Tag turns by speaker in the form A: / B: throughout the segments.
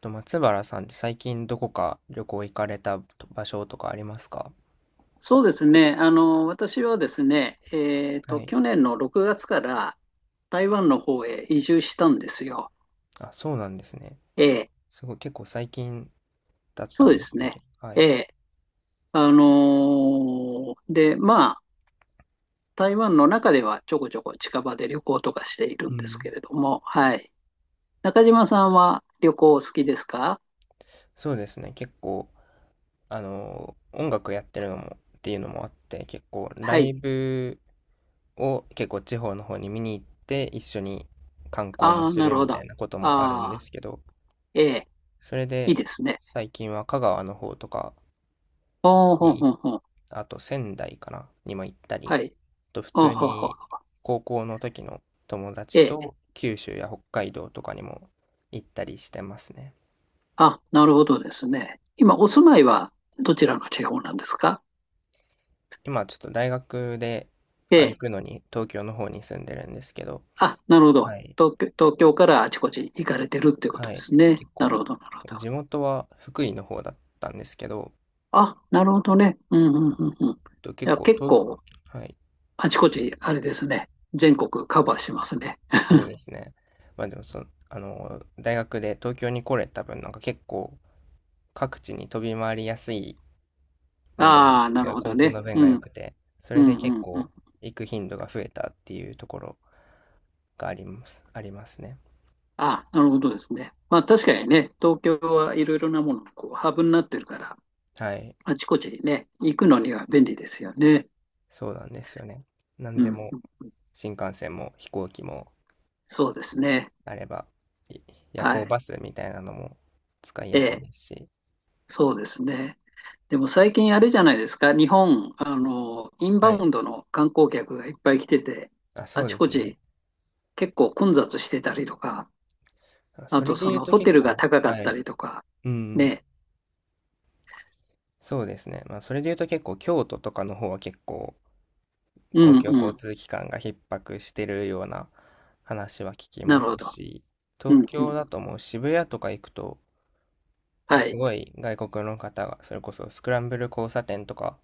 A: 松原さんって最近どこか旅行行かれた場所とかありますか？
B: そうですね。私はですね、
A: はい。
B: 去年の6月から台湾の方へ移住したんですよ。
A: あ、そうなんですね。
B: ええ、
A: すごい、結構最近だった
B: そう
A: ん
B: で
A: で
B: す
A: すね。
B: ね。
A: けは
B: え
A: い。
B: え、で、まあ、台湾の中ではちょこちょこ近場で旅行とかしている
A: う
B: んです
A: ん。
B: けれども、はい。中島さんは旅行お好きですか？
A: そうですね。結構、音楽やってるっていうのもあって、結構ラ
B: は
A: イ
B: い。
A: ブを結構地方の方に見に行って一緒に観光も
B: ああ、
A: す
B: な
A: る
B: るほ
A: み
B: ど。
A: たい
B: あ
A: なこともあるんで
B: あ、
A: すけど、
B: ええ、
A: それ
B: いい
A: で
B: ですね。
A: 最近は香川の方とか
B: ほうほう
A: に行っ、
B: ほうほう。
A: あと仙台かな、にも行った
B: は
A: り、
B: い。
A: 普
B: ほう
A: 通
B: ほうほ
A: に
B: う。
A: 高校の時の友達
B: え
A: と
B: え、
A: 九州や北海道とかにも行ったりしてますね。
B: あ、なるほどですね。今、お住まいはどちらの地方なんですか？
A: 今ちょっと大学で、
B: え
A: あ、行
B: え。
A: くのに東京の方に住んでるんですけど、
B: あ、なるほど。
A: はい。
B: 東京からあちこち行かれてるっていうこと
A: は
B: で
A: い。
B: すね。
A: 結
B: なる
A: 構、
B: ほど、なるほど。
A: 地元は福井の方だったんですけど、
B: あ、なるほどね。うん、うん、うん、うん。い
A: と結
B: や、
A: 構
B: 結
A: と、
B: 構、
A: はい。
B: あちこち、あれですね。全国カバーしますね。
A: そうですね。まあでも、そ、あの、大学で東京に来れた分、なんか結構各地に飛び回りやすいので、
B: ああ、
A: す
B: な
A: ご
B: る
A: い
B: ほど
A: 交通
B: ね。
A: の便
B: う
A: が良
B: ん、
A: くて、そ
B: う
A: れで
B: ん、
A: 結
B: うん、うん。
A: 構行く頻度が増えたっていうところがありますね。
B: あ、なるほどですね。まあ、確かにね、東京はいろいろなものがこうハブになってるから、
A: はい。
B: あちこちにね、行くのには便利ですよね。
A: そうなんですよね。何
B: う
A: で
B: ん、
A: も
B: うん、
A: 新幹線も飛行機も
B: そうですね。
A: あれば、い夜
B: は
A: 行
B: い。
A: バスみたいなのも使い
B: え
A: やすい
B: え、
A: ですし。
B: そうですね。でも最近あれじゃないですか。日本、インバ
A: はい。
B: ウンドの観光客がいっぱい来てて、
A: あ、そ
B: あ
A: う
B: ち
A: で
B: こ
A: すね。
B: ち結構混雑してたりとか、
A: あ、そ
B: あと
A: れで
B: そ
A: 言う
B: の
A: と
B: ホテ
A: 結
B: ルが
A: 構、
B: 高かっ
A: は
B: た
A: い。
B: りとか、
A: うん。
B: ね。
A: そうですね。まあ、それで言うと結構京都とかの方は結構
B: う
A: 公
B: ん
A: 共
B: う
A: 交
B: ん。
A: 通機関が逼迫してるような話は聞き
B: な
A: ま
B: る
A: す
B: ほど。
A: し、
B: う
A: 東
B: んう
A: 京
B: ん。
A: だともう渋谷とか行くと、なんか
B: は
A: す
B: い。
A: ごい外国の方が、それこそスクランブル交差点とか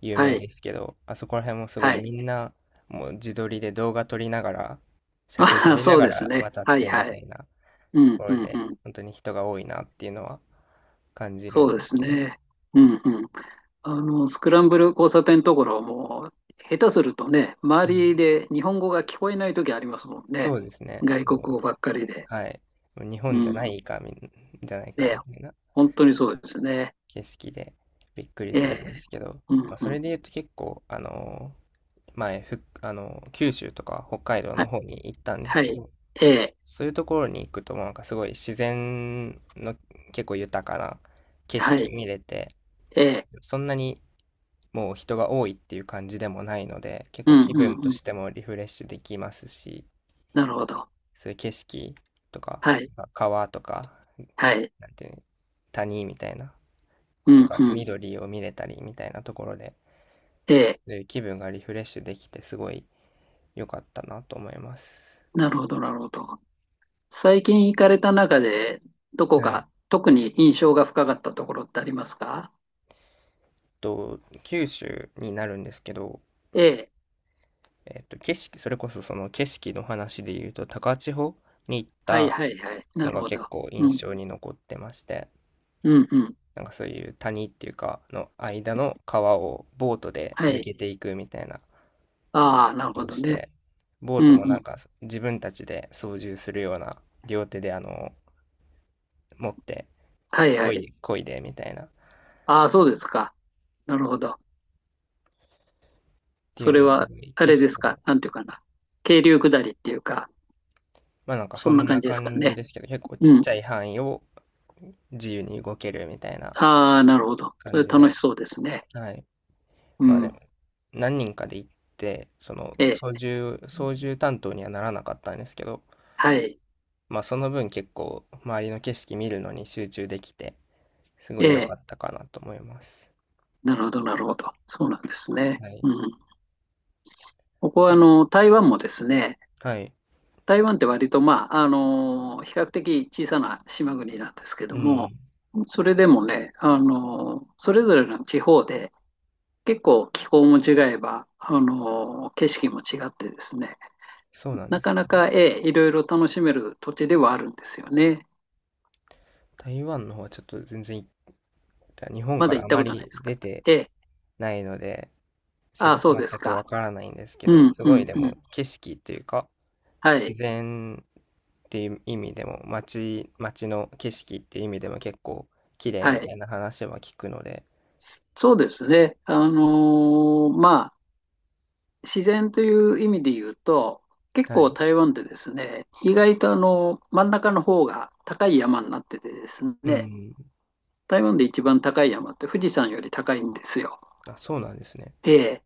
A: 有
B: は
A: 名
B: い。
A: ですけど、あそこら辺もすご
B: は
A: い
B: い。
A: みんなもう自撮りで動画撮りながら、写真撮
B: ああ、
A: りな
B: そう
A: が
B: です
A: ら
B: ね。
A: 渡っ
B: はい
A: てみ
B: は
A: た
B: い。
A: いな
B: う
A: と
B: ん
A: こ
B: う
A: ろ
B: んう
A: で、
B: ん。
A: 本当に人が多いなっていうのは感じる
B: そ
A: ん
B: うで
A: です
B: す
A: けど、
B: ね。うんうん。あの、スクランブル交差点のところはもう、下手するとね、周
A: うん。
B: りで日本語が聞こえないときありますもん
A: そ
B: ね。
A: うですね。
B: 外国
A: も
B: 語ばっかりで。
A: う、はい。もう日
B: う
A: 本じゃな
B: ん。
A: いかみ、じゃないか
B: ね、
A: みたいな
B: 本当にそうですね。
A: 景色でびっくり
B: え
A: するんで
B: え。
A: すけど、
B: う
A: ま
B: ん
A: あ、そ
B: う
A: れ
B: ん。
A: で言うと結構、前、ふ、あのー九州とか北海道
B: は
A: の
B: い。
A: 方に行ったんで
B: は
A: すけ
B: い。
A: ど、
B: ええ。
A: そういうところに行くと、なんかすごい自然の結構豊かな景
B: は
A: 色
B: い。
A: 見れて、
B: ええ。
A: そんなにもう人が多いっていう感じでもないので、結
B: う
A: 構
B: ん
A: 気
B: う
A: 分
B: ん
A: と
B: うん。
A: してもリフレッシュできますし、
B: なるほど。
A: そういう景色とか、
B: はい。
A: まあ川とか、
B: はい。
A: なんていうの、谷みたいな、
B: う
A: と
B: ん
A: か
B: うん。
A: 緑を見れたりみたいなところで、
B: ええ。
A: そういう気分がリフレッシュできてすごい良かったなと思います。
B: なるほど、なるほど。最近行かれた中で、どこ
A: はい。
B: が特に印象が深かったところってありますか？
A: 九州になるんですけど、
B: ええ。
A: それこそその景色の話で言うと、高千穂に行っ
B: はい
A: た
B: はいはい。な
A: の
B: る
A: が
B: ほ
A: 結
B: ど。
A: 構印
B: うん
A: 象に残ってまして、
B: うんうん。
A: なんかそういう谷っていうか、の間の川をボートで
B: は
A: 抜
B: い。
A: けていくみたいなこ
B: ああ、なる
A: と
B: ほ
A: を
B: ど
A: し
B: ね。
A: て、ボー
B: う
A: ト
B: ん
A: も
B: う
A: なん
B: ん。
A: か自分たちで操縦するような、両手で持って、
B: はいはい。
A: こいでみたいな、っ
B: ああ、そうですか。なるほど。
A: てい
B: それ
A: うのす
B: は、
A: ごい
B: あ
A: 景
B: れです
A: 色
B: か。
A: も
B: なんていうかな。渓流下りっていうか、
A: まあなんかそ
B: そんな
A: ん
B: 感
A: な
B: じですか
A: 感じ
B: ね。
A: ですけど、結構ちっ
B: うん。
A: ちゃい範囲を自由に動けるみたいな
B: ああ、なるほど。そ
A: 感
B: れ
A: じ
B: 楽
A: で。
B: しそうですね。
A: はい。
B: う
A: まあでも、
B: ん。
A: 何人かで行って、その
B: え
A: 操
B: え。
A: 縦、操縦担当にはならなかったんですけど、
B: はい。
A: まあその分結構周りの景色見るのに集中できて、す
B: え
A: ごい良か
B: え。
A: ったかなと思います。
B: なるほど、なるほど。そうなんですね。
A: はい。
B: うん。ここは、
A: あ、
B: 台湾もですね、
A: はい。
B: 台湾って割と、まあ、比較的小さな島国なんですけど
A: う
B: も、
A: ん。
B: それでもね、それぞれの地方で結構気候も違えば、景色も違ってですね、
A: そうなん
B: な
A: で
B: か
A: す。
B: なか、ええ、いろいろ楽しめる土地ではあるんですよね。
A: 台湾の方はちょっと全然行った。日本
B: ま
A: か
B: だ行
A: ら
B: っ
A: あ
B: た
A: ま
B: ことないで
A: り
B: すか？
A: 出て
B: ええ、
A: ないので、
B: ああ、そう
A: 全
B: です
A: く
B: か。
A: わからないんですけ
B: う
A: ど、
B: ん、
A: す
B: う
A: ごい
B: ん、
A: で
B: う
A: も
B: ん。
A: 景色っていうか、
B: は
A: 自
B: い、
A: 然っていう意味でも、街の景色っていう意味でも結構綺麗
B: は
A: み
B: い。
A: たいな話は聞くので、
B: そうですね。自然という意味で言うと、結
A: は
B: 構
A: い。
B: 台湾でですね、意外とあの真ん中の方が高い山になっててです
A: う
B: ね、
A: ん。
B: 台湾で一番高い山って富士山より高いんですよ。
A: あ、そうなんですね。
B: ええ、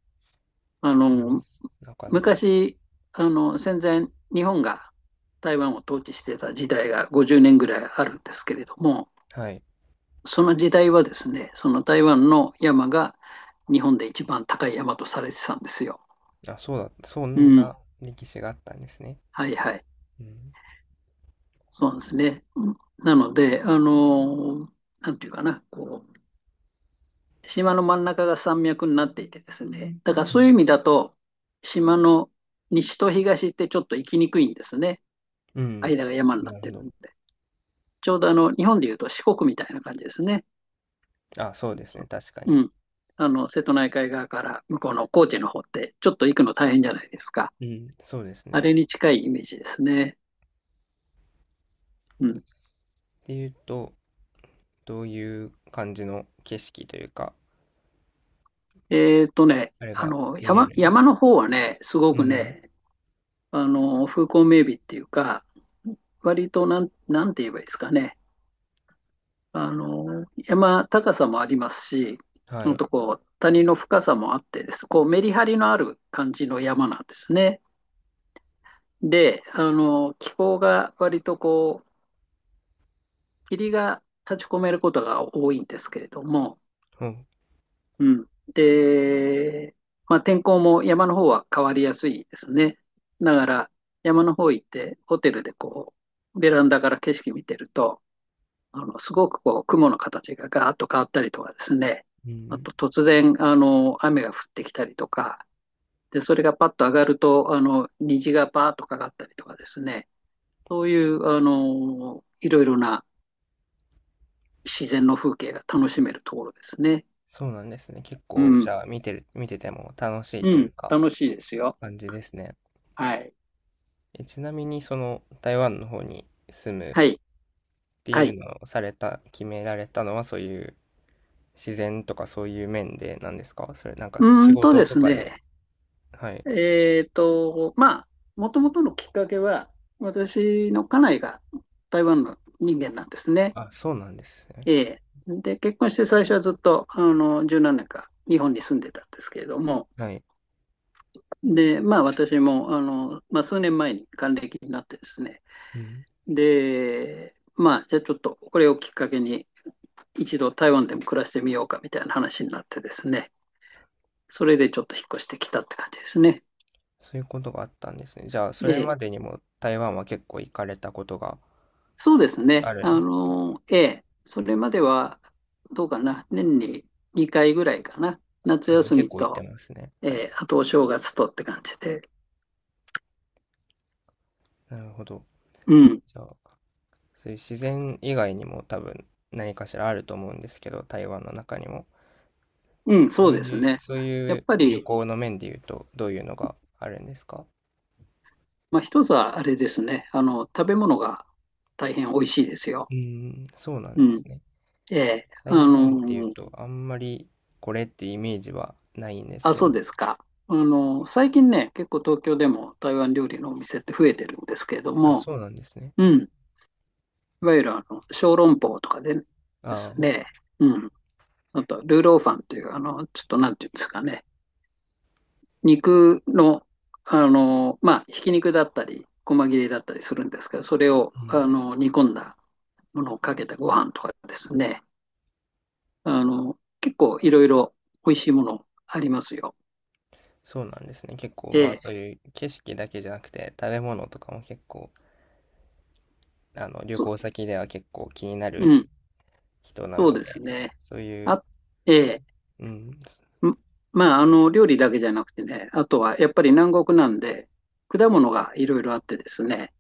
B: あ
A: それは、
B: の
A: なかなか。
B: 昔戦前日本が台湾を統治してた時代が50年ぐらいあるんですけれども、
A: はい。
B: その時代はですね、その台湾の山が日本で一番高い山とされてたんですよ。
A: あ、そうだ、そ
B: う
A: ん
B: ん、
A: な歴史があったんですね。
B: はいはい。
A: うん。
B: そうですね。なので、なんていうかな、こう、島の真ん中が山脈になっていてですね、だからそういう意味だと、島の西と東ってちょっと行きにくいんですね。
A: うん。
B: 間が山になっ
A: なる
B: て
A: ほ
B: る
A: ど。
B: んで。ちょうど日本でいうと四国みたいな感じですね。
A: あ、そうですね。
B: そ
A: 確か
B: うう
A: に。
B: ん。瀬戸内海側から向こうの高知の方って、ちょっと行くの大変じゃないですか。
A: うん、そうです
B: あ
A: ね。っ
B: れに近いイメージですね。うん。
A: ていうと、どういう感じの景色というか、あれが見れるんです
B: 山
A: か？
B: の方はね、すご
A: う
B: く
A: ん。
B: ね、風光明媚っていうか、割となんて言えばいいですかね。山高さもありますし、
A: は
B: ほん
A: い。
B: とこう、谷の深さもあってです。こう、メリハリのある感じの山なんですね。で、気候が割とこう、霧が立ち込めることが多いんですけれども、
A: うん。
B: うん。で、まあ、天候も山の方は変わりやすいですね。だから、山の方行って、ホテルでこう、ベランダから景色見てると、すごくこう、雲の形がガーッと変わったりとかですね、
A: う
B: あ
A: ん。
B: と突然、雨が降ってきたりとか、で、それがパッと上がると、虹がパーッとかかったりとかですね、そういう、いろいろな自然の風景が楽しめるところですね。
A: そうなんですね。結
B: う
A: 構、じ
B: ん、
A: ゃあ、見てても楽しい
B: う
A: という
B: ん、
A: か、
B: 楽しいですよ。
A: 感じですね。
B: はい、
A: え、ちなみに、その、台湾の方に住む
B: はい、
A: って
B: は
A: いう
B: い。
A: のをされた、決められたのは、そういう自然とかそういう面でなんですか？それ、なんか
B: うー
A: 仕
B: んと
A: 事
B: で
A: と
B: す
A: かで。
B: ね、
A: はい。
B: まあ、もともとのきっかけは、私の家内が台湾の人間なんですね。
A: あ、そうなんですね。
B: えで、結婚して最初はずっと、1何年か日本に住んでたんですけれども、
A: はい。
B: で、まあ私も、まあ数年前に還暦になってですね、
A: うん。
B: で、まあじゃあちょっとこれをきっかけに、一度台湾でも暮らしてみようかみたいな話になってですね、それでちょっと引っ越してきたって感じですね。
A: そういうことがあったんですね。じゃあ、そ
B: え
A: れま
B: え。
A: でにも台湾は結構行かれたことが
B: そうです
A: あ
B: ね。
A: るんですね。
B: ええ。それまでは、どうかな、年に2回ぐらいかな、夏休
A: 結
B: み
A: 構行って
B: と、
A: ますね。は
B: え
A: い。
B: え、あとお正月とって感じで、
A: なるほど。
B: うん、
A: じゃあ、そういう自然以外にも多分何かしらあると思うんですけど、台湾の中にも。
B: うん、そ
A: そう
B: うです
A: いう、
B: ね。
A: そうい
B: やっ
A: う
B: ぱ
A: 旅
B: り、
A: 行の面で言うと、どういうのがあるんですか？
B: まあ、一つはあれですね、食べ物が大変美味しいですよ。
A: うーん、そうなん
B: う
A: です
B: ん。
A: ね。
B: ええ、
A: 台湾っていうと、あんまりこれってイメージはないんです
B: あ、
A: けど。
B: そうですか。最近ね、結構東京でも台湾料理のお店って増えてるんですけれど
A: あ、
B: も、
A: そうなんですね。
B: うん、いわゆる小籠包とかでで
A: あ
B: す
A: あ、う
B: ね、うん、あと、ルーローファンという、ちょっとなんていうんですかね、肉の、まあ、ひき肉だったり、細切れだったりするんですけど、それを、
A: ん。
B: 煮込んだものをかけたご飯とかですね、結構いろいろ美味しいものありますよ。
A: そうなんですね。結構、
B: え
A: まあ
B: え、
A: そういう景色だけじゃなくて、食べ物とかも結構、旅
B: そ、
A: 行先では結構気にな
B: う
A: る
B: ん、
A: 人な
B: そう
A: の
B: です
A: で、
B: ね。
A: そういう、
B: あ、え
A: うん、
B: え、まあ、料理だけじゃなくてね、あとはやっぱり南国なんで、果物がいろいろあってですね、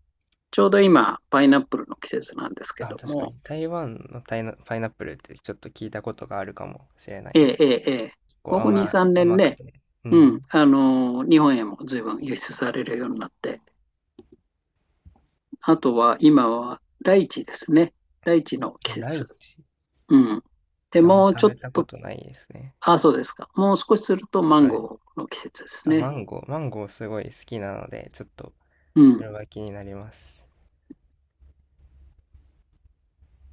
B: ちょうど今、パイナップルの季節なんですけ
A: あ、
B: ど
A: 確かに。
B: も、
A: 台湾のタイナパイナップルってちょっと聞いたことがあるかもしれない
B: え
A: で
B: え、
A: す。
B: ええ、ええ、
A: 結構
B: ここ2、
A: 甘、
B: 3年
A: 甘
B: ねん
A: く
B: ね、
A: て。う
B: う
A: ん。
B: ん、日本へも随分輸出されるようになって、あとは今はライチですね。ライチの季
A: あ、ラ
B: 節。
A: イチっ
B: うん。で、
A: てあんま
B: もう
A: 食
B: ちょっ
A: べたこ
B: と、
A: とないですね。
B: あ、そうですか。もう少しするとマン
A: はい。
B: ゴーの季節です
A: あ、マ
B: ね。
A: ンゴー。マンゴーすごい好きなので、ちょっと
B: う
A: そ
B: ん。
A: れは気になります。